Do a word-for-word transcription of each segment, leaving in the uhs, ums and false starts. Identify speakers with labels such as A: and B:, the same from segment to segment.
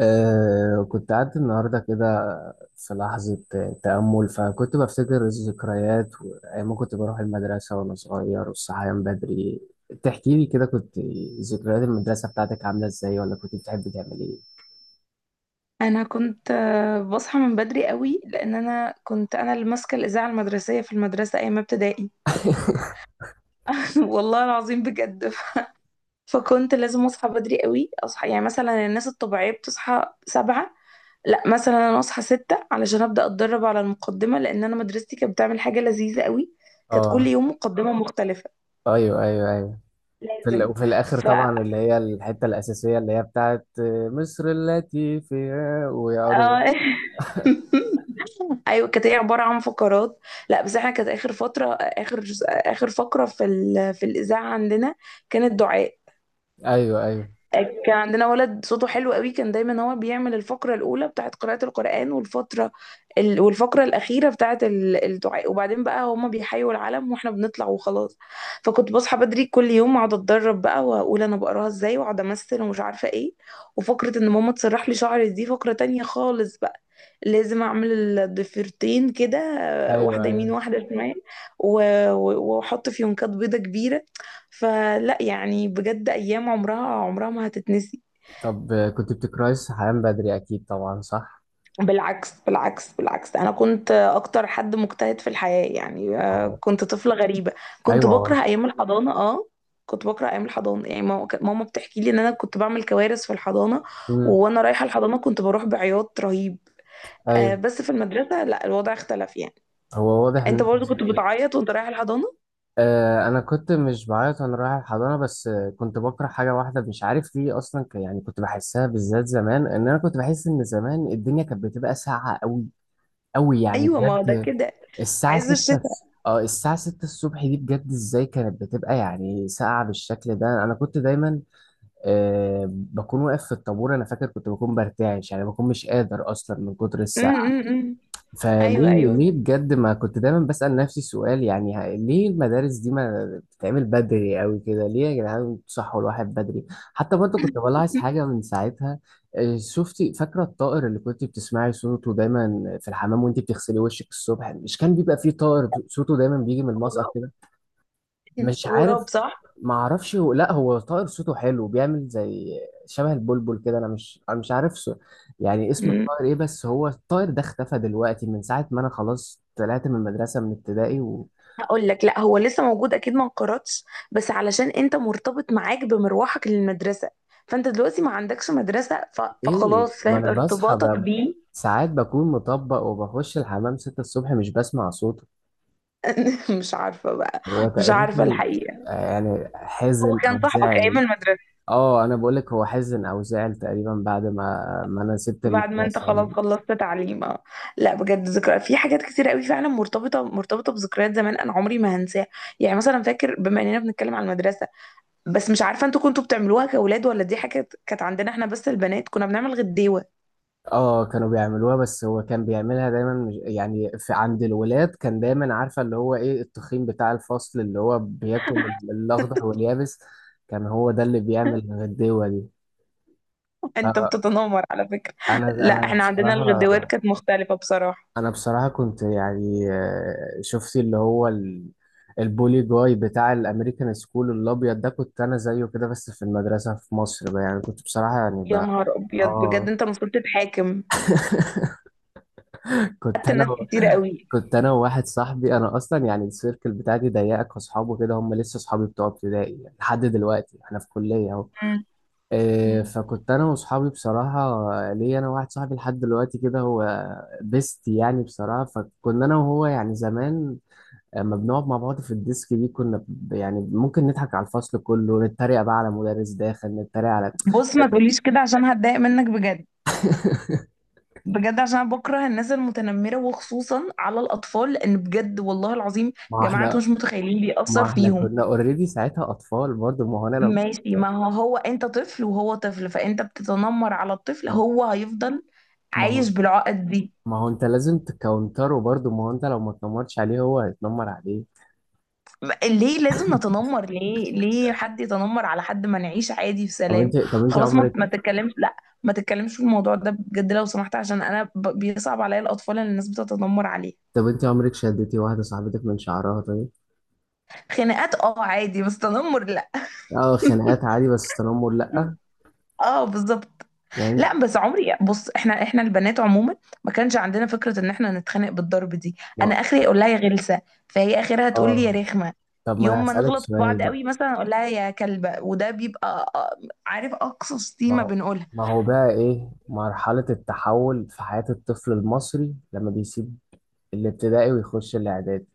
A: آه، كنت قاعد النهاردة كده في لحظة تأمل، فكنت بفتكر الذكريات وأيام ما كنت بروح المدرسة وأنا صغير والصحيان بدري. تحكي لي كده كنت ذكريات المدرسة بتاعتك عاملة إزاي، ولا كنت بتحب تعمل إيه؟
B: انا كنت آه، بصحى من بدري قوي لان انا كنت انا اللي ماسكه الاذاعه المدرسيه في المدرسه ايام ابتدائي. والله العظيم بجد. فكنت لازم اصحى بدري قوي، اصحى يعني مثلا الناس الطبيعيه بتصحى سبعة، لا مثلا انا اصحى ستة علشان ابدا اتدرب على المقدمه، لان انا مدرستي كانت بتعمل حاجه لذيذه قوي. كانت كل
A: آه،
B: يوم مقدمه مختلفه،
A: أيوه أيوه أيوه. في ال-
B: لازم.
A: وفي الآخر
B: ف
A: طبعا اللي هي الحتة الأساسية اللي هي بتاعت مصر التي فيها ويقعدوا.
B: آه.
A: بقى-
B: ايوه كانت هي عباره عن فقرات. لا بس احنا كانت اخر فتره، اخر اخر فقره في ال... في الاذاعه عندنا كانت دعاء.
A: أيوه أيوه
B: كان عندنا ولد صوته حلو قوي، كان دايما هو بيعمل الفقرة الأولى بتاعت قراءة القرآن، والفترة ال... والفقرة الأخيرة بتاعت ال- الدعاء، وبعدين بقى هما بيحيوا العلم واحنا بنطلع وخلاص. فكنت بصحى بدري كل يوم، أقعد أتدرب بقى وأقول أنا بقراها إزاي، وأقعد أمثل ومش عارفة إيه. وفقرة إن ماما تسرح لي شعري دي فقرة تانية خالص بقى، لازم أعمل الضفيرتين كده،
A: أيوه
B: واحدة يمين
A: أيوه.
B: واحدة شمال، و- و- وأحط فيونكات بيضة كبيرة. فلا يعني بجد، ايام عمرها عمرها ما هتتنسي.
A: طب كنت بتكرهي الصحيان بدري، أكيد طبعا صح؟
B: بالعكس بالعكس بالعكس، انا كنت اكتر حد مجتهد في الحياة يعني. آه،
A: آه،
B: كنت طفلة غريبة، كنت بكره
A: أيوه.
B: ايام الحضانة. اه، كنت بكره ايام الحضانة يعني، ماما كانت- ماما بتحكي لي ان انا كنت بعمل كوارث في الحضانة.
A: مم.
B: وانا رايحة الحضانة كنت بروح بعياط رهيب. آه،
A: ايوه.
B: بس في المدرسة لا الوضع اختلف يعني.
A: هو واضح ان.
B: انت برضو كنت بتعيط وانت رايح الحضانة؟
A: آه، انا كنت مش بعيط وانا رايح الحضانه، بس آه، كنت بكره حاجه واحده، مش عارف ليه اصلا، ك- يعني كنت بحسها بالذات زمان، ان انا كنت بحس ان زمان الدنيا كانت بتبقى ساقعه قوي قوي، يعني
B: ايوه، ما هو ده
A: بجد.
B: كده،
A: الساعه
B: عايز
A: 6
B: الشتاء.
A: اه الساعه ستة الصبح دي بجد ازاي كانت بتبقى يعني ساقعه بالشكل ده، انا كنت دايما آه بكون واقف في الطابور. انا فاكر كنت بكون برتعش، يعني بكون مش قادر اصلا من كتر
B: م-
A: الساعه.
B: م- م. ايوه
A: فليه،
B: ايوه.
A: ليه بجد، ما كنت دايما بسأل نفسي السؤال، يعني ه- ليه المدارس دي ما بتتعمل بدري قوي كده، ليه يا جدعان بتصحوا الواحد بدري؟ حتى برضه كنت بلاحظ حاجة من ساعتها. آه، شفتي فاكرة الطائر اللي كنت بتسمعي صوته دايما في الحمام وانت بتغسلي وشك الصبح؟ مش كان بيبقى فيه طائر صوته دايما بيجي من المسقط
B: غراب.
A: كده؟ مش عارف
B: غراب صح.
A: ما اعرفش هو، لا هو طائر صوته حلو بيعمل زي شبه البلبل كده، انا مش انا مش عارف سو- يعني اسم
B: مم.
A: الطائر ايه. بس هو الطائر ده اختفى دلوقتي من ساعة ما انا خلاص طلعت من المدرسة من ابتدائي و.
B: هقول لك، لا هو لسه موجود اكيد ما انقرضش، بس علشان انت مرتبط، معاك بمروحك للمدرسه، فانت دلوقتي ما عندكش مدرسه ف...
A: ايه،
B: فخلاص،
A: ما
B: فاهم
A: انا بصحى
B: ارتباطك
A: ب...
B: بيه.
A: ساعات بكون مطبق وبخش الحمام ستة الصبح، مش بسمع صوته.
B: مش عارفه بقى،
A: هو
B: مش عارفه
A: تقريبا
B: الحقيقه.
A: آه، يعني
B: هو
A: حزن
B: كان
A: او
B: صاحبك
A: زعل.
B: ايام المدرسه،
A: اه، انا بقولك هو حزن او زعل تقريبا بعد ما ما انا سبت
B: بعد ما انت
A: المدرسة
B: خلاص
A: يعني.
B: خلصت تعليم. آه. لا بجد ذكرى في حاجات كتير قوي فعلا، مرتبطه مرتبطه بذكريات زمان انا عمري ما هنساها. يعني مثلا فاكر، بما اننا بنتكلم عن المدرسه، بس مش عارفه انتوا كنتوا بتعملوها كاولاد ولا دي حاجه كانت عندنا احنا بس البنات، كنا بنعمل غديوه.
A: اه كانوا بيعملوها، بس هو كان بيعملها دايما مش- يعني في عند الولاد، كان دايما عارفه اللي هو ايه، التخين بتاع الفصل اللي هو بياكل الاخضر واليابس، كان هو ده اللي بيعمل الغديوه دي.
B: انت
A: فانا،
B: بتتنمر على فكرة. لا،
A: انا
B: احنا عندنا
A: بصراحه
B: الغدوات كانت مختلفة بصراحة.
A: انا بصراحه كنت يعني آه، شفت اللي هو ال- البولي جاي بتاع الامريكان سكول الابيض ده، كنت انا زيه كده بس في المدرسه في مصر بقى، يعني كنت بصراحه يعني
B: يا
A: بقى.
B: نهار ابيض بجد
A: اه،
B: انت المفروض تتحاكم،
A: كنت
B: حتى
A: انا
B: ناس
A: و...
B: كتير قوي.
A: كنت انا وواحد صاحبي. انا اصلا يعني السيركل بتاعتي ضيقه، كاصحابه كده هم لسه اصحابي بتوع ابتدائي، يعني لحد دلوقتي احنا في كليه اهو.
B: مم.
A: إيه،
B: مم.
A: فكنت انا واصحابي بصراحه، ليا انا واحد صاحبي لحد دلوقتي كده، هو بيست يعني، بصراحه. فكنا انا وهو يعني زمان لما بنقعد مع بعض في الديسك دي، كنا ب- يعني ممكن نضحك على الفصل كله، نتريق بقى على مدرس داخل، نتريق على
B: بص ما تقوليش كده عشان هتضايق منك بجد. بجد عشان انا بكره الناس المتنمرة وخصوصا على الاطفال، لان بجد والله العظيم يا
A: ما هو
B: جماعة، انتوا
A: احنا
B: مش متخيلين
A: ما
B: بيأثر
A: هو احنا
B: فيهم.
A: كنا اوريدي ساعتها اطفال برضه، ما هو انا لو
B: ماشي، ما هو هو انت طفل وهو طفل، فانت بتتنمر على الطفل،
A: ما
B: هو هيفضل
A: ما هو
B: عايش بالعقد دي.
A: ما هو انت لازم تكونتره برضه، ما هو انت لو ما تنمرتش عليه هو هيتنمر عليه.
B: ليه لازم نتنمر؟ ليه؟ ليه حد يتنمر على حد؟ ما نعيش عادي في
A: طب
B: سلام.
A: انت طب انت
B: خلاص ما
A: عمرك
B: ما تتكلمش، لا ما تتكلمش في الموضوع ده بجد لو سمحت، عشان انا ب- بيصعب عليا الاطفال اللي الناس بتتنمر عليه.
A: طب انت عمرك شدتي واحده صاحبتك من شعرها طيب؟
B: خناقات اه عادي، بس تنمر لا.
A: اه، خناقات عادي، بس تنمر لا.
B: اه بالظبط.
A: يعني
B: لا بس عمري، بص احنا، احنا البنات عموما ما كانش عندنا فكرة ان احنا نتخانق بالضرب دي. انا
A: ما
B: اخري اقول لها يا غلسة، فهي اخرها تقول لي يا
A: اه
B: رخمة.
A: طب ما انا
B: يوم ما
A: هسألك
B: نغلط في
A: سؤال
B: بعض
A: بقى.
B: قوي مثلا اقول لها يا كلبة، وده بيبقى آه، عارف، اقصى
A: ما
B: شتيمة
A: هو
B: بنقولها.
A: ما هو بقى ايه مرحله التحول في حياه الطفل المصري لما بيسيب الابتدائي ويخش الاعدادي؟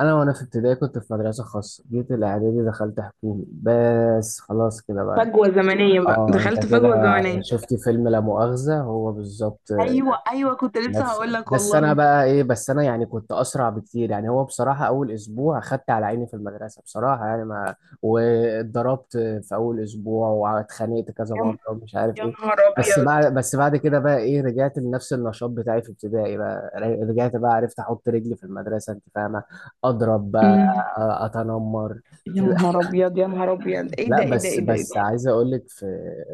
A: انا وانا في ابتدائي كنت في مدرسه خاصه، جيت الاعدادي دخلت حكومي، بس خلاص كده بقى.
B: فجوة زمنية بقى،
A: اه
B: دخلت
A: انت كده
B: فجوة زمنية.
A: شفت فيلم لا مؤاخذة، هو بالظبط
B: ايوه ايوه كنت لسه
A: نفس.
B: هقول لك
A: بس انا
B: والله.
A: بقى ايه، بس انا يعني كنت اسرع بكتير. يعني هو بصراحة اول اسبوع اخدت على عيني في المدرسة بصراحة، يعني ما واتضربت في اول اسبوع واتخانقت كذا مرة
B: يا
A: ومش عارف
B: يا
A: ايه.
B: نهار
A: بس
B: ابيض.
A: بعد بس بعد كده بقى ايه، رجعت لنفس النشاط بتاعي في ابتدائي بقى، ر- رجعت بقى، عرفت احط رجلي في المدرسة، انت فاهمة، اضرب بقى،
B: أمم.
A: اتنمر.
B: يا نهار ابيض يا نهار ابيض، ايه
A: لا
B: ده ايه ده
A: بس
B: ايه ده ايه ده.
A: بس عايز اقول لك، في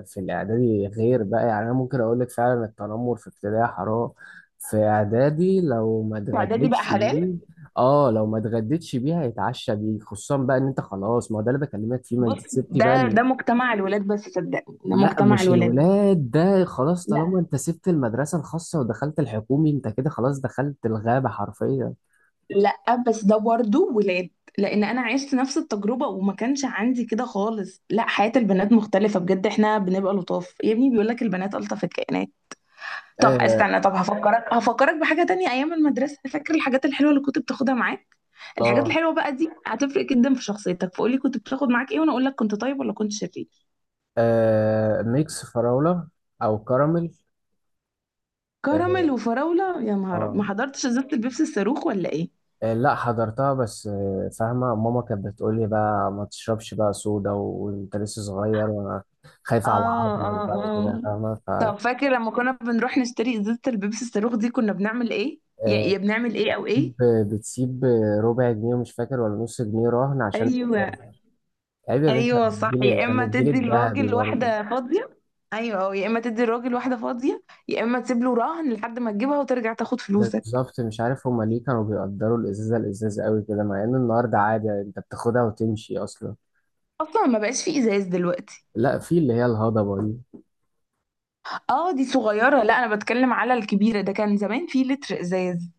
A: في الاعدادي غير بقى، يعني انا ممكن اقول لك فعلا التنمر في ابتدائي حرام، في اعدادي لو ما
B: اعدادي بقى
A: اتغديتش
B: حلال.
A: بيه، اه لو ما اتغديتش بيه هيتعشى بيه، خصوصا بقى ان انت خلاص، ما هو ده اللي بكلمك فيه، ما انت
B: بص
A: سبتي بقى
B: ده
A: ال...
B: ده مجتمع الولاد، بس صدقني ده
A: لا
B: مجتمع
A: مش
B: الولاد.
A: الولاد، ده خلاص
B: لا
A: طالما انت سبت المدرسة الخاصة ودخلت الحكومي انت كده خلاص دخلت الغابة حرفيا.
B: لا، بس ده برضه ولاد، لان انا عشت نفس التجربه وما كانش عندي كده خالص. لا، حياه البنات مختلفه بجد، احنا بنبقى لطاف، يا ابني بيقول لك البنات الطف الكائنات. طب
A: اه.
B: استنى، طب هفكرك، هفكرك بحاجة تانية. أيام المدرسة، فاكر الحاجات الحلوة اللي كنت بتاخدها معاك؟ الحاجات
A: اه،
B: الحلوة بقى دي هتفرق جدا في شخصيتك، فقولي كنت بتاخد معاك إيه وأنا أقول لك كنت طيب ولا كنت شرير.
A: آه ميكس فراولة، او كراميل.
B: كراميل
A: اه.
B: وفراولة يا نهار أبيض. ما
A: آه.
B: حضرتش إزازة البيبسي الصاروخ ولا إيه؟
A: آه، لا حضرتها، بس آه، فاهمة ماما كانت بتقولي بقى ما تشربش بقى صودا وانت لسه صغير، وانا
B: اه
A: خايفة على عظمك
B: اه
A: بقى وكده،
B: اه.
A: فاهمة. ف
B: طب فاكر لما كنا بنروح نشتري إزازة البيبسي الصاروخ دي كنا بنعمل إيه؟ يا
A: آه،
B: يا بنعمل إيه أو
A: بتسيب
B: إيه؟
A: بتسيب ربع جنيه، ومش فاكر ولا نص جنيه رهن عشان
B: ايوه
A: الإزازة. عيب يا بنت، انا
B: ايوه
A: من
B: صح،
A: الجيل
B: يا
A: انا من
B: اما
A: الجيل
B: تدي
A: الذهبي
B: الراجل
A: برضه.
B: واحده فاضيه. ايوه، أو يا اما تدي الراجل واحده فاضيه، يا اما تسيب له رهن لحد ما تجيبها وترجع تاخد
A: ده
B: فلوسك.
A: بالظبط، مش عارف هما ليه كانوا بيقدروا الازازة، الازازة قوي كده، مع ان النهارده عادي يعني، انت بتاخدها وتمشي اصلا.
B: اصلا ما بقاش في ازاز دلوقتي.
A: لا، في اللي هي الهضبة دي.
B: اه دي صغيره، لا انا بتكلم على الكبيره، ده كان زمان في لتر ازاز.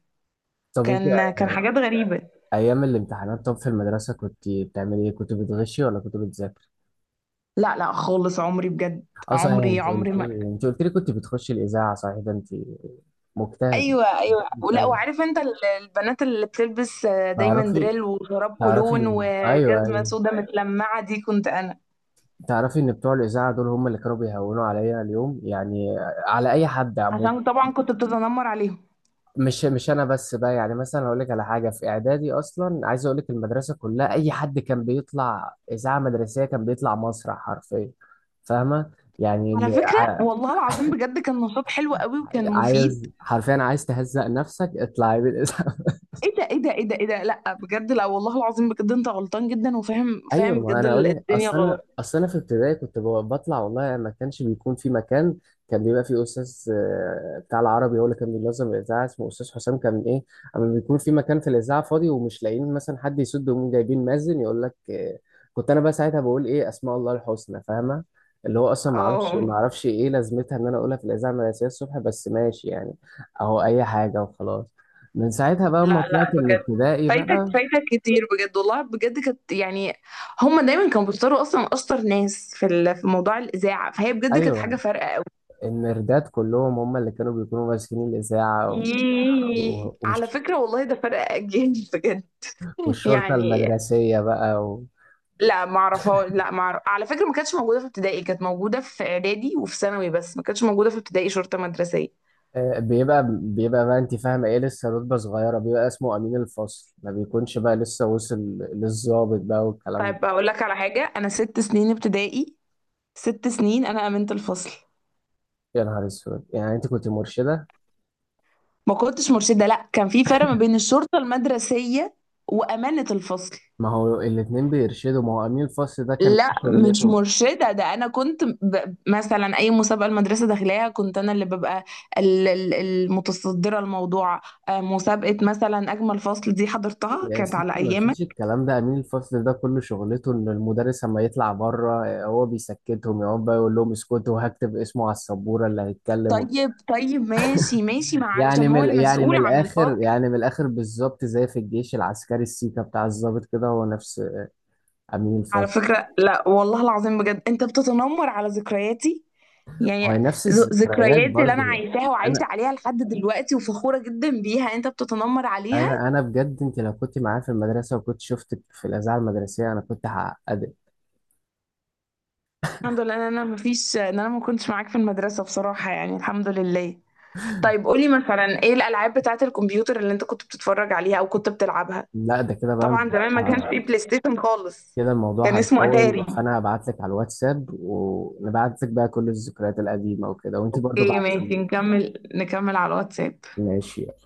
A: طب انت
B: كان كان حاجات غريبه.
A: ايام الامتحانات، طب في المدرسه كنت بتعملي ايه، كنت بتغشي ولا كنت بتذاكر؟
B: لا لا خالص، عمري بجد،
A: اه صحيح،
B: عمري
A: انت قلت
B: عمري ما.
A: لي انت قلت لي كنت بتخشي الاذاعه، صحيح ده انت مجتهد.
B: ايوه ايوه ولا،
A: ايوه
B: وعارف انت ال- البنات اللي بتلبس آه، دايما
A: تعرفي
B: دريل وشراب
A: تعرفي
B: كولون
A: إن- ايوه
B: وجزمه
A: ايوه،
B: سودا متلمعه دي، كنت انا.
A: تعرفي ان بتوع الاذاعه دول هم اللي كانوا بيهونوا عليا اليوم، يعني على اي حد عموما.
B: عشان طبعا كنت بتتنمر عليهم.
A: مش مش انا بس بقى، يعني مثلا هقول لك على حاجه، في اعدادي اصلا عايز اقول لك المدرسه كلها، اي حد كان بيطلع اذاعه مدرسيه كان بيطلع مسرح حرفيا، فاهمه يعني،
B: على فكرة والله العظيم بجد كان نشاط حلو قوي وكان مفيد.
A: عايز حرفيا عايز تهزق نفسك اطلعي بالاسم.
B: ايه ده ايه ده ايه ده ايه ده، لا بجد، لا والله العظيم بجد انت غلطان جدا، وفاهم فاهم
A: ايوه، ما
B: بجد
A: انا
B: ال-
A: اقول لك،
B: الدنيا
A: اصل انا
B: غلط.
A: اصل انا في ابتدائي كنت ب- بطلع، والله ما كانش بيكون في مكان، كان بيبقى في استاذ آه، بتاع العربي هو اللي كان بينظم الاذاعه، اسمه استاذ حسام، كان ايه اما بيكون في مكان في الاذاعه فاضي ومش لاقيين مثلا حد يسد، ومين جايبين مأذن يقول لك آه، كنت انا بقى ساعتها بقول ايه اسماء الله الحسنى، فاهمه. اللي هو اصلا ما اعرفش ما
B: اه.
A: اعرفش ايه لازمتها ان انا اقولها في الاذاعه المدرسيه الصبح، بس ماشي يعني، اهو اي حاجه وخلاص. من ساعتها بقى ما
B: لا لا
A: طلعت من
B: بجد،
A: ابتدائي
B: فايتك
A: بقى.
B: فايتك كتير بجد والله، بجد كانت يعني، هم دايما كانوا بيختاروا اصلا اشطر ناس في ال- في موضوع الاذاعة، فهي بجد كانت حاجة
A: ايوه،
B: فارقة قوي.
A: المردات كلهم هم اللي كانوا بيكونوا ماسكين الإذاعة، و-
B: ياه.
A: و-
B: على
A: والش-
B: فكرة والله ده فرق اجيال. بجد
A: والشرطة
B: يعني.
A: المدرسية بقى و.
B: لا ما اعرفها، لا ما أعرف. على فكره ما كانتش موجوده في ابتدائي، كانت موجوده في اعدادي وفي ثانوي، بس ما كانتش موجوده في ابتدائي شرطه مدرسيه.
A: آه، بيبقى بيبقى بقى انت فاهمة ايه، لسه رتبة صغيرة بيبقى اسمه أمين الفصل، ما بيكونش بقى لسه وصل للضابط بقى والكلام ده.
B: طيب هقول لك على حاجه، انا ست سنين ابتدائي، ست سنين انا امينه الفصل.
A: يا نهار اسود، يعني انت كنت مرشدة؟
B: ما كنتش مرشده، لا كان في فرق ما بين الشرطه المدرسيه وامانه الفصل.
A: ما هو الاتنين بيرشدوا، ما هو أمين الفصل ده كان إيه
B: لا مش
A: شغلته؟
B: مرشدة، ده أنا كنت ب... مثلا أي مسابقة المدرسة داخلاها كنت أنا اللي ببقى ال- ال- المتصدرة الموضوع. آه، مسابقة مثلا أجمل فصل دي حضرتها
A: يا
B: كانت على
A: ستي ما
B: أيام.
A: فيش الكلام ده، امين الفصل ده كل شغلته ان المدرس اما يطلع بره آه، هو بيسكتهم، يقعد بقى يقول لهم اسكتوا وهكتب اسمه على السبوره اللي هيتكلم، وب.
B: طيب طيب ماشي ماشي، ما
A: يعني
B: علشان هو
A: من يعني من
B: المسؤول عن
A: الاخر
B: الفصل.
A: يعني من الاخر بالظبط، زي في الجيش العسكري السيكا بتاع الضابط كده، هو نفس امين
B: على
A: الفصل،
B: فكرة لا والله العظيم بجد انت بتتنمر على ذكرياتي
A: هو
B: يعني.
A: نفس
B: ذ-
A: الذكريات
B: ذكرياتي اللي انا
A: برضه.
B: عايشاها وعايشة
A: انا
B: عليها لحد دلوقتي وفخورة جدا بيها، انت بتتنمر عليها.
A: انا انا بجد، انت لو كنت معايا في المدرسه وكنت شفتك في الاذاعه المدرسيه انا كنت هعقدك.
B: الحمد لله ان انا مفيش، ان انا ما كنتش معاك في المدرسة بصراحة يعني الحمد لله. طيب قولي مثلا ايه الالعاب بتاعة الكمبيوتر اللي انت كنت بتتفرج عليها او كنت بتلعبها؟
A: لا ده كده بقى
B: طبعا زمان ما كانش فيه بلاي ستيشن خالص،
A: كده
B: كان
A: الموضوع
B: اسمه
A: هيطول،
B: اتاري.
A: فانا هبعت لك على الواتساب ونبعت لك بقى كل الذكريات القديمه وكده، وانتي برضو
B: اوكي ماشي،
A: بعتيلي.
B: نكمل نكمل على الواتساب.
A: ماشي.